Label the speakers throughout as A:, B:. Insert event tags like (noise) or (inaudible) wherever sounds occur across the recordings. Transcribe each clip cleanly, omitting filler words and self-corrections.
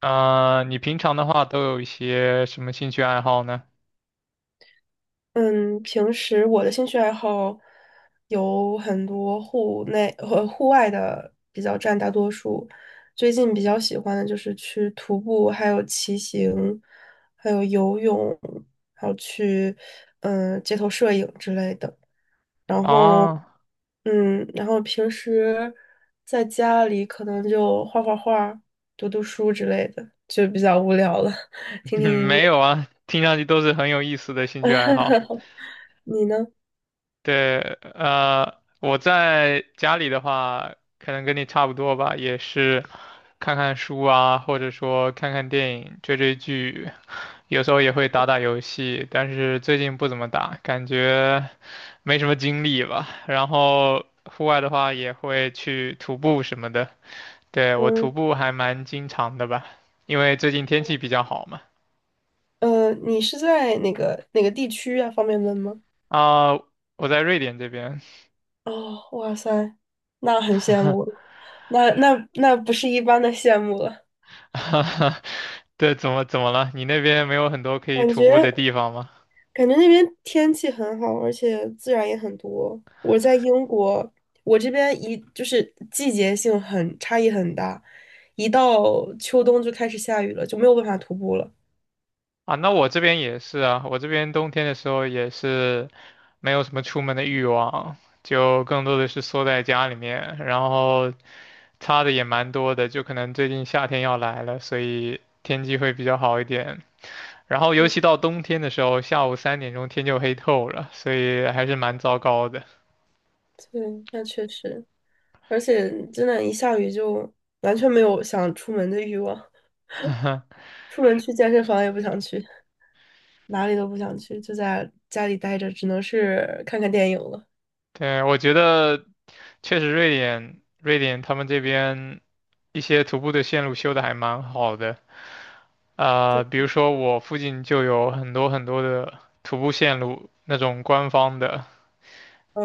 A: 啊、你平常的话都有一些什么兴趣爱好呢？
B: 嗯，平时我的兴趣爱好有很多户内和户外的比较占大多数。最近比较喜欢的就是去徒步，还有骑行，还有游泳，还有去街头摄影之类的。然后
A: 啊，
B: 然后平时在家里可能就画画、读读书之类的，就比较无聊了，(laughs) 听听
A: (laughs)
B: 音
A: 没有
B: 乐。
A: 啊，听上去都是很有意思的兴趣爱好。
B: 你呢？
A: 对，我在家里的话，可能跟你差不多吧，也是看看书啊，或者说看看电影、追追剧，有时候也会打打游戏，但是最近不怎么打，感觉没什么精力吧。然后户外的话也会去徒步什么的。对，我
B: 嗯。
A: 徒步还蛮经常的吧，因为最近天气比较好嘛。
B: 你是在哪个地区啊？方便问吗？
A: 啊、我在瑞典这边。
B: 哦，哇塞，那很羡慕了。那不是一般的羡慕了。
A: (laughs) 对，怎么了？你那边没有很多可以
B: 感
A: 徒步的
B: 觉
A: 地方吗？
B: 感觉那边天气很好，而且自然也很多。我在英国，我这边就是季节性差异很大，一到秋冬就开始下雨了，就没有办法徒步了。
A: 啊，那我这边也是啊，我这边冬天的时候也是没有什么出门的欲望，就更多的是缩在家里面，然后差的也蛮多的，就可能最近夏天要来了，所以天气会比较好一点，然后尤
B: 嗯，
A: 其到冬天的时候，下午3点钟天就黑透了，所以还是蛮糟糕的。
B: 对，那确实，而且真的，一下雨就完全没有想出门的欲望。
A: (laughs)
B: 出门去健身房也不想去，哪里都不想去，就在家里待着，只能是看看电影了。
A: 对，我觉得确实瑞典，瑞典他们这边一些徒步的线路修的还蛮好的。
B: 对，
A: 比如说我附近就有很多很多的徒步线路，那种官方的，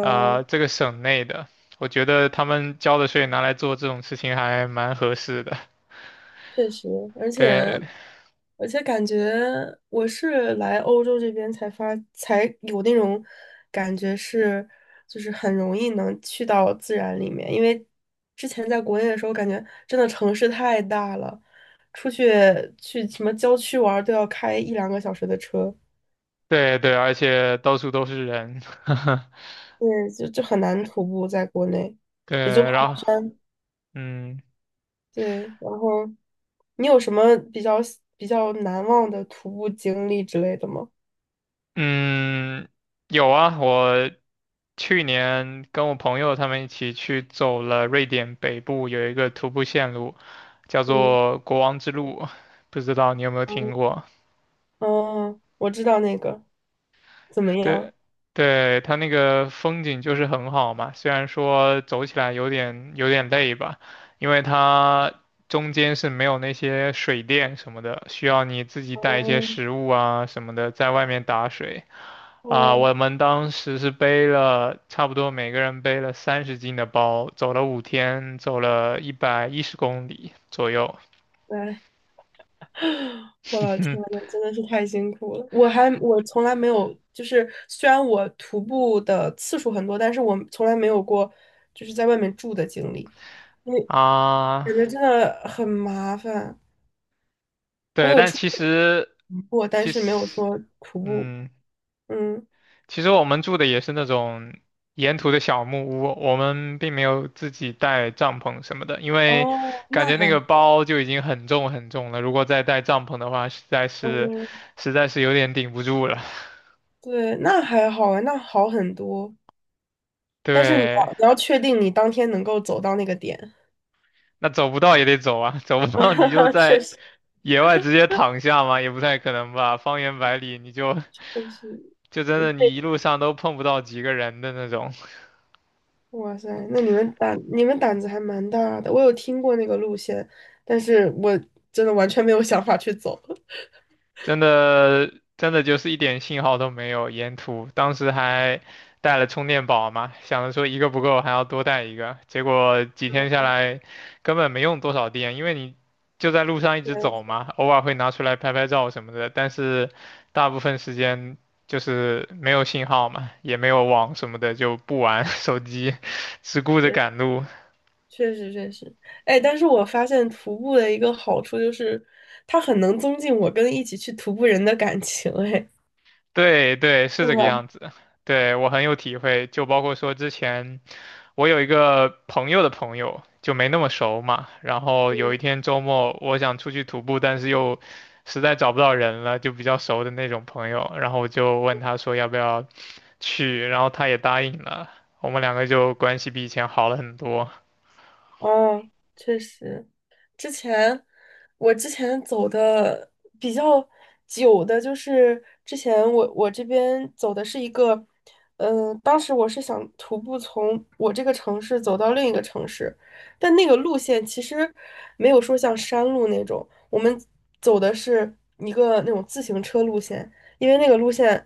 A: 这个省内的，我觉得他们交的税拿来做这种事情还蛮合适的。
B: 确实，而且
A: 对，
B: 而且感觉我是来欧洲这边才有那种感觉是，就是很容易能去到自然里面，因为之前在国内的时候，感觉真的城市太大了，出去去什么郊区玩儿都要开一两个小时的车，
A: 对对，而且到处都是人。(laughs)
B: 对，就很难徒步在国内。也就
A: 对，
B: 跑。
A: 然后嗯
B: 对，然后你有什么比较难忘的徒步经历之类的吗？
A: 嗯，有啊，我去年跟我朋友他们一起去走了瑞典北部有一个徒步线路，叫
B: 嗯，
A: 做国王之路，不知道你有没有听过？
B: 嗯，我知道那个怎么
A: 对，
B: 样？
A: 对，它那个风景就是很好嘛，虽然说走起来有点累吧，因为它中间是没有那些水电什么的，需要你自己带一些
B: 哦
A: 食物啊什么的，在外面打水。啊，
B: 哦，
A: 我们当时是背了差不多每个人背了30斤的包，走了5天，走了110公里左右。
B: 来，我老天呐，
A: (laughs)
B: 真的是太辛苦了。我从来没有，就是虽然我徒步的次数很多，但是我从来没有过就是在外面住的经历，因为
A: 啊，
B: 感觉真的很麻烦。我
A: 对，
B: 有
A: 但
B: 出过，但
A: 其
B: 是没有
A: 实，
B: 说徒步。
A: 嗯。
B: 嗯，
A: 其实我们住的也是那种沿途的小木屋，我们并没有自己带帐篷什么的，因为
B: 哦，
A: 感
B: 那
A: 觉那
B: 还
A: 个
B: 好。
A: 包就已经很重很重了，如果再带帐篷的话，实在是
B: 嗯，
A: 实在是有点顶不住了。
B: 对，那还好啊，那好很多。但是你
A: 对，
B: 要你要确定你当天能够走到那个点。
A: 那走不到也得走啊，走不到你就
B: (laughs) 确
A: 在
B: 实，
A: 野外直接躺下嘛，也不太可能吧，方圆百里你就 (laughs)
B: 确实，
A: 就真
B: 就
A: 的你一
B: 被，
A: 路上都碰不到几个人的那种。
B: 哇塞，那你们胆子还蛮大的。我有听过那个路线，但是我真的完全没有想法去走。(laughs)
A: 真的就是一点信号都没有，沿途当时还带了充电宝嘛，想着说一个不够还要多带一个，结果几天下来根本没用多少电，因为你就在路上一
B: 没
A: 直走
B: 错，
A: 嘛，偶尔会拿出来拍拍照什么的，但是大部分时间就是没有信号嘛，也没有网什么的，就不玩 (laughs) 手机，只顾
B: 确
A: 着
B: 实
A: 赶路。
B: 确实确实，哎，但是我发现徒步的一个好处就是，它很能增进我跟一起去徒步人的感情，哎，
A: 对对，
B: (laughs)
A: 是
B: 对
A: 这个样
B: 吧？
A: 子。对，我很有体会，就包括说之前。我有一个朋友的朋友，就没那么熟嘛。然后有一天周末，我想出去徒步，但是又实在找不到人了，就比较熟的那种朋友。然后我就问他说要不要去，然后他也答应了。我们两个就关系比以前好了很多。
B: 哦，确实。之前之前走的比较久的，就是之前我这边走的是一个，当时我是想徒步从我这个城市走到另一个城市，但那个路线其实没有说像山路那种，我们走的是一个那种自行车路线，因为那个路线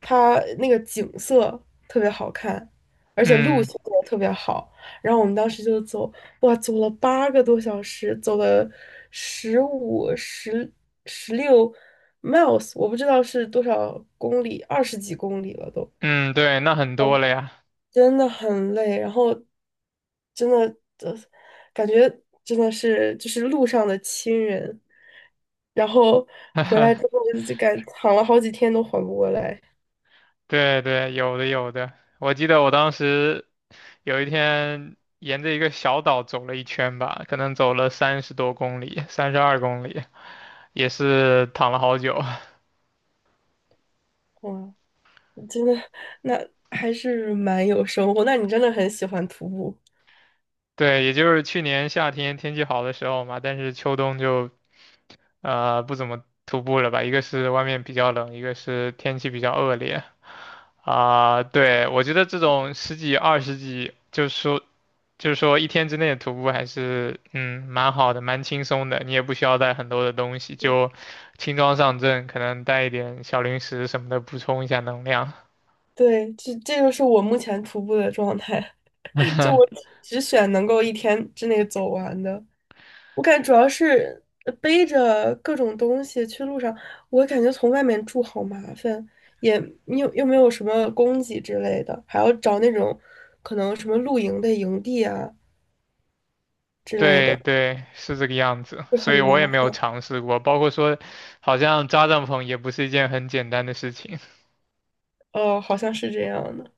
B: 它那个景色特别好看，而且路
A: 嗯
B: 线也特别好。然后我们当时就走，哇，走了8个多小时，走了15、十六 miles，我不知道是多少公里，20几公里了都，
A: 嗯，对，那很多了呀。
B: 真的很累。然后真的，呃，感觉真的是就是路上的亲人。然后回来之后就感躺了好几天都缓不过来，
A: 对对，有的有的。我记得我当时有一天沿着一个小岛走了一圈吧，可能走了30多公里，32公里。也是躺了好久。(laughs)
B: 哇，真的，那还是蛮有收获。那你真的很喜欢徒步。
A: 对，也就是去年夏天天气好的时候嘛，但是秋冬就不怎么徒步了吧，一个是外面比较冷，一个是天气比较恶劣啊。对，我觉得这种十几二十几，就是说一天之内的徒步还是蛮好的，蛮轻松的，你也不需要带很多的东西，就轻装上阵，可能带一点小零食什么的补充一下能量。
B: 对，这就是我目前徒步的状态，(laughs) 就我
A: (laughs)
B: 只选能够一天之内走完的。我感觉主要是背着各种东西去路上，我感觉从外面住好麻烦，也又没有什么供给之类的，还要找那种可能什么露营的营地啊之类
A: 对
B: 的，
A: 对，是这个样子，
B: 就
A: 所
B: 很
A: 以我也
B: 麻
A: 没有
B: 烦。
A: 尝试过，包括说，好像扎帐篷也不是一件很简单的事情。
B: 哦，好像是这样的。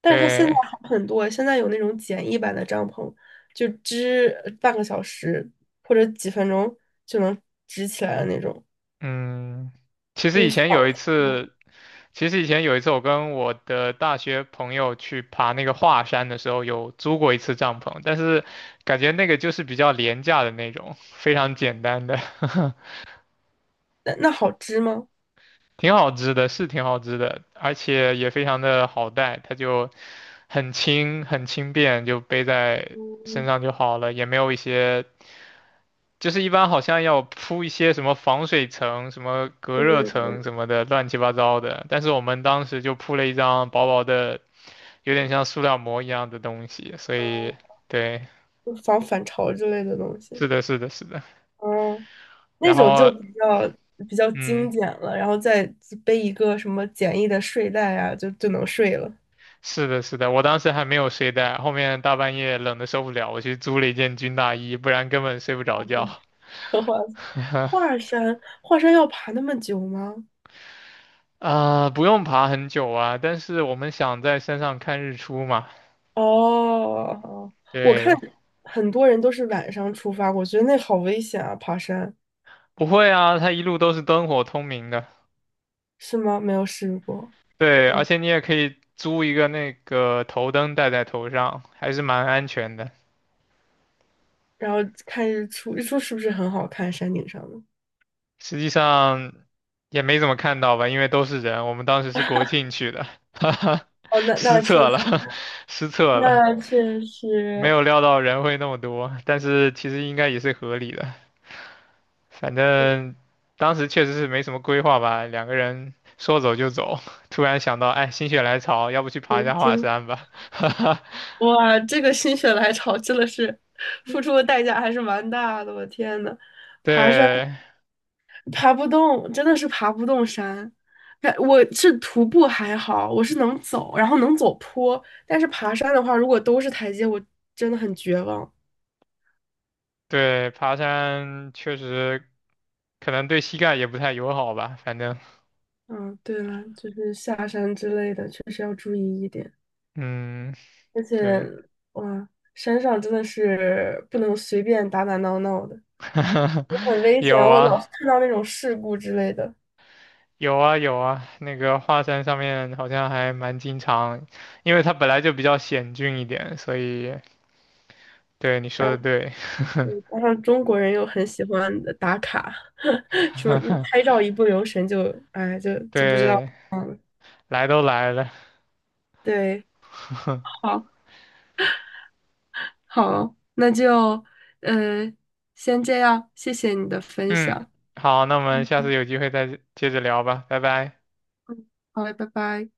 B: 但是它现在
A: 对，
B: 好很多，现在有那种简易版的帐篷，就支半个小时或者几分钟就能支起来的那种，
A: 嗯，其
B: 因
A: 实以
B: 为小
A: 前有一
B: 嗯
A: 次，其实以前有一次我跟我的大学朋友去爬那个华山的时候，有租过一次帐篷，但是感觉那个就是比较廉价的那种，非常简单的。(laughs)
B: 那好支吗？
A: 挺好织的，是挺好织的，而且也非常的好带，它就很轻很轻便，就背在身
B: 嗯，
A: 上就好了，也没有一些，就是一般好像要铺一些什么防水层、什么隔
B: 对
A: 热
B: 对
A: 层
B: 对，
A: 什么的，乱七八糟的。但是我们当时就铺了一张薄薄的，有点像塑料膜一样的东西，所
B: 嗯，
A: 以对，
B: 就防反潮之类的东西，
A: 是的，是的，是的。
B: 嗯，
A: 然
B: 那种
A: 后，
B: 就比较精
A: 嗯。
B: 简了，然后再背一个什么简易的睡袋啊，就能睡了。
A: 是的，是的，我当时还没有睡袋，后面大半夜冷的受不了，我去租了一件军大衣，不然根本睡不着觉。
B: (laughs) 华
A: (laughs)
B: 华山，华山要爬那么久吗？
A: 啊、不用爬很久啊，但是我们想在山上看日出嘛。
B: 哦，哦我看
A: 对，
B: 很多人都是晚上出发，我觉得那好危险啊，爬山
A: 不会啊，它一路都是灯火通明的。
B: 是吗？没有试过。
A: 对，而
B: 嗯，
A: 且你也可以租一个那个头灯戴在头上，还是蛮安全的。
B: 然后看日出，日出是不是很好看？山顶上的。
A: 实际上也没怎么看到吧，因为都是人。我们当时是国庆去的，(laughs) 哈哈，
B: 哦，那
A: 失
B: 那确
A: 策了，
B: 实，
A: (laughs) 失策了。
B: 那确
A: 没
B: 实
A: 有料到人会那么多，但是其实应该也是合理的。反正当时确实是没什么规划吧，两个人说走就走，(laughs) 突然想到，哎，心血来潮，要不去爬一下
B: 年
A: 华
B: 轻。
A: 山吧？(laughs)
B: 哇，这个心血来潮真的是付出的代价还是蛮大的，我天呐，爬山。
A: 对
B: 爬不动，真的是爬不动山。哎我是徒步还好，我是能走，然后能走坡，但是爬山的话，如果都是台阶，我真的很绝望。
A: 对，爬山确实可能对膝盖也不太友好吧。反正，
B: 嗯，对了，就是下山之类的，确实要注意一点。
A: 嗯，
B: 而且，
A: 对，
B: 哇，山上真的是不能随便打打闹闹的，
A: (laughs)
B: 很危
A: 有
B: 险。我
A: 啊。
B: 老是看到那种事故之类的。
A: 有啊，那个华山上面好像还蛮经常，因为它本来就比较险峻一点，所以对你说
B: 然
A: 的
B: 后。
A: 对。
B: 加上中国人又很喜欢的打卡，(laughs) 什么一拍照一不留神就，哎，就不知道
A: 对，
B: 嗯，
A: 来都来了，
B: 对，好，好，那就，嗯、先这样，谢谢你的分
A: 嗯，
B: 享，
A: 好，那我们下
B: 嗯，
A: 次有机会再接着聊吧，拜拜。
B: 好嘞，拜拜。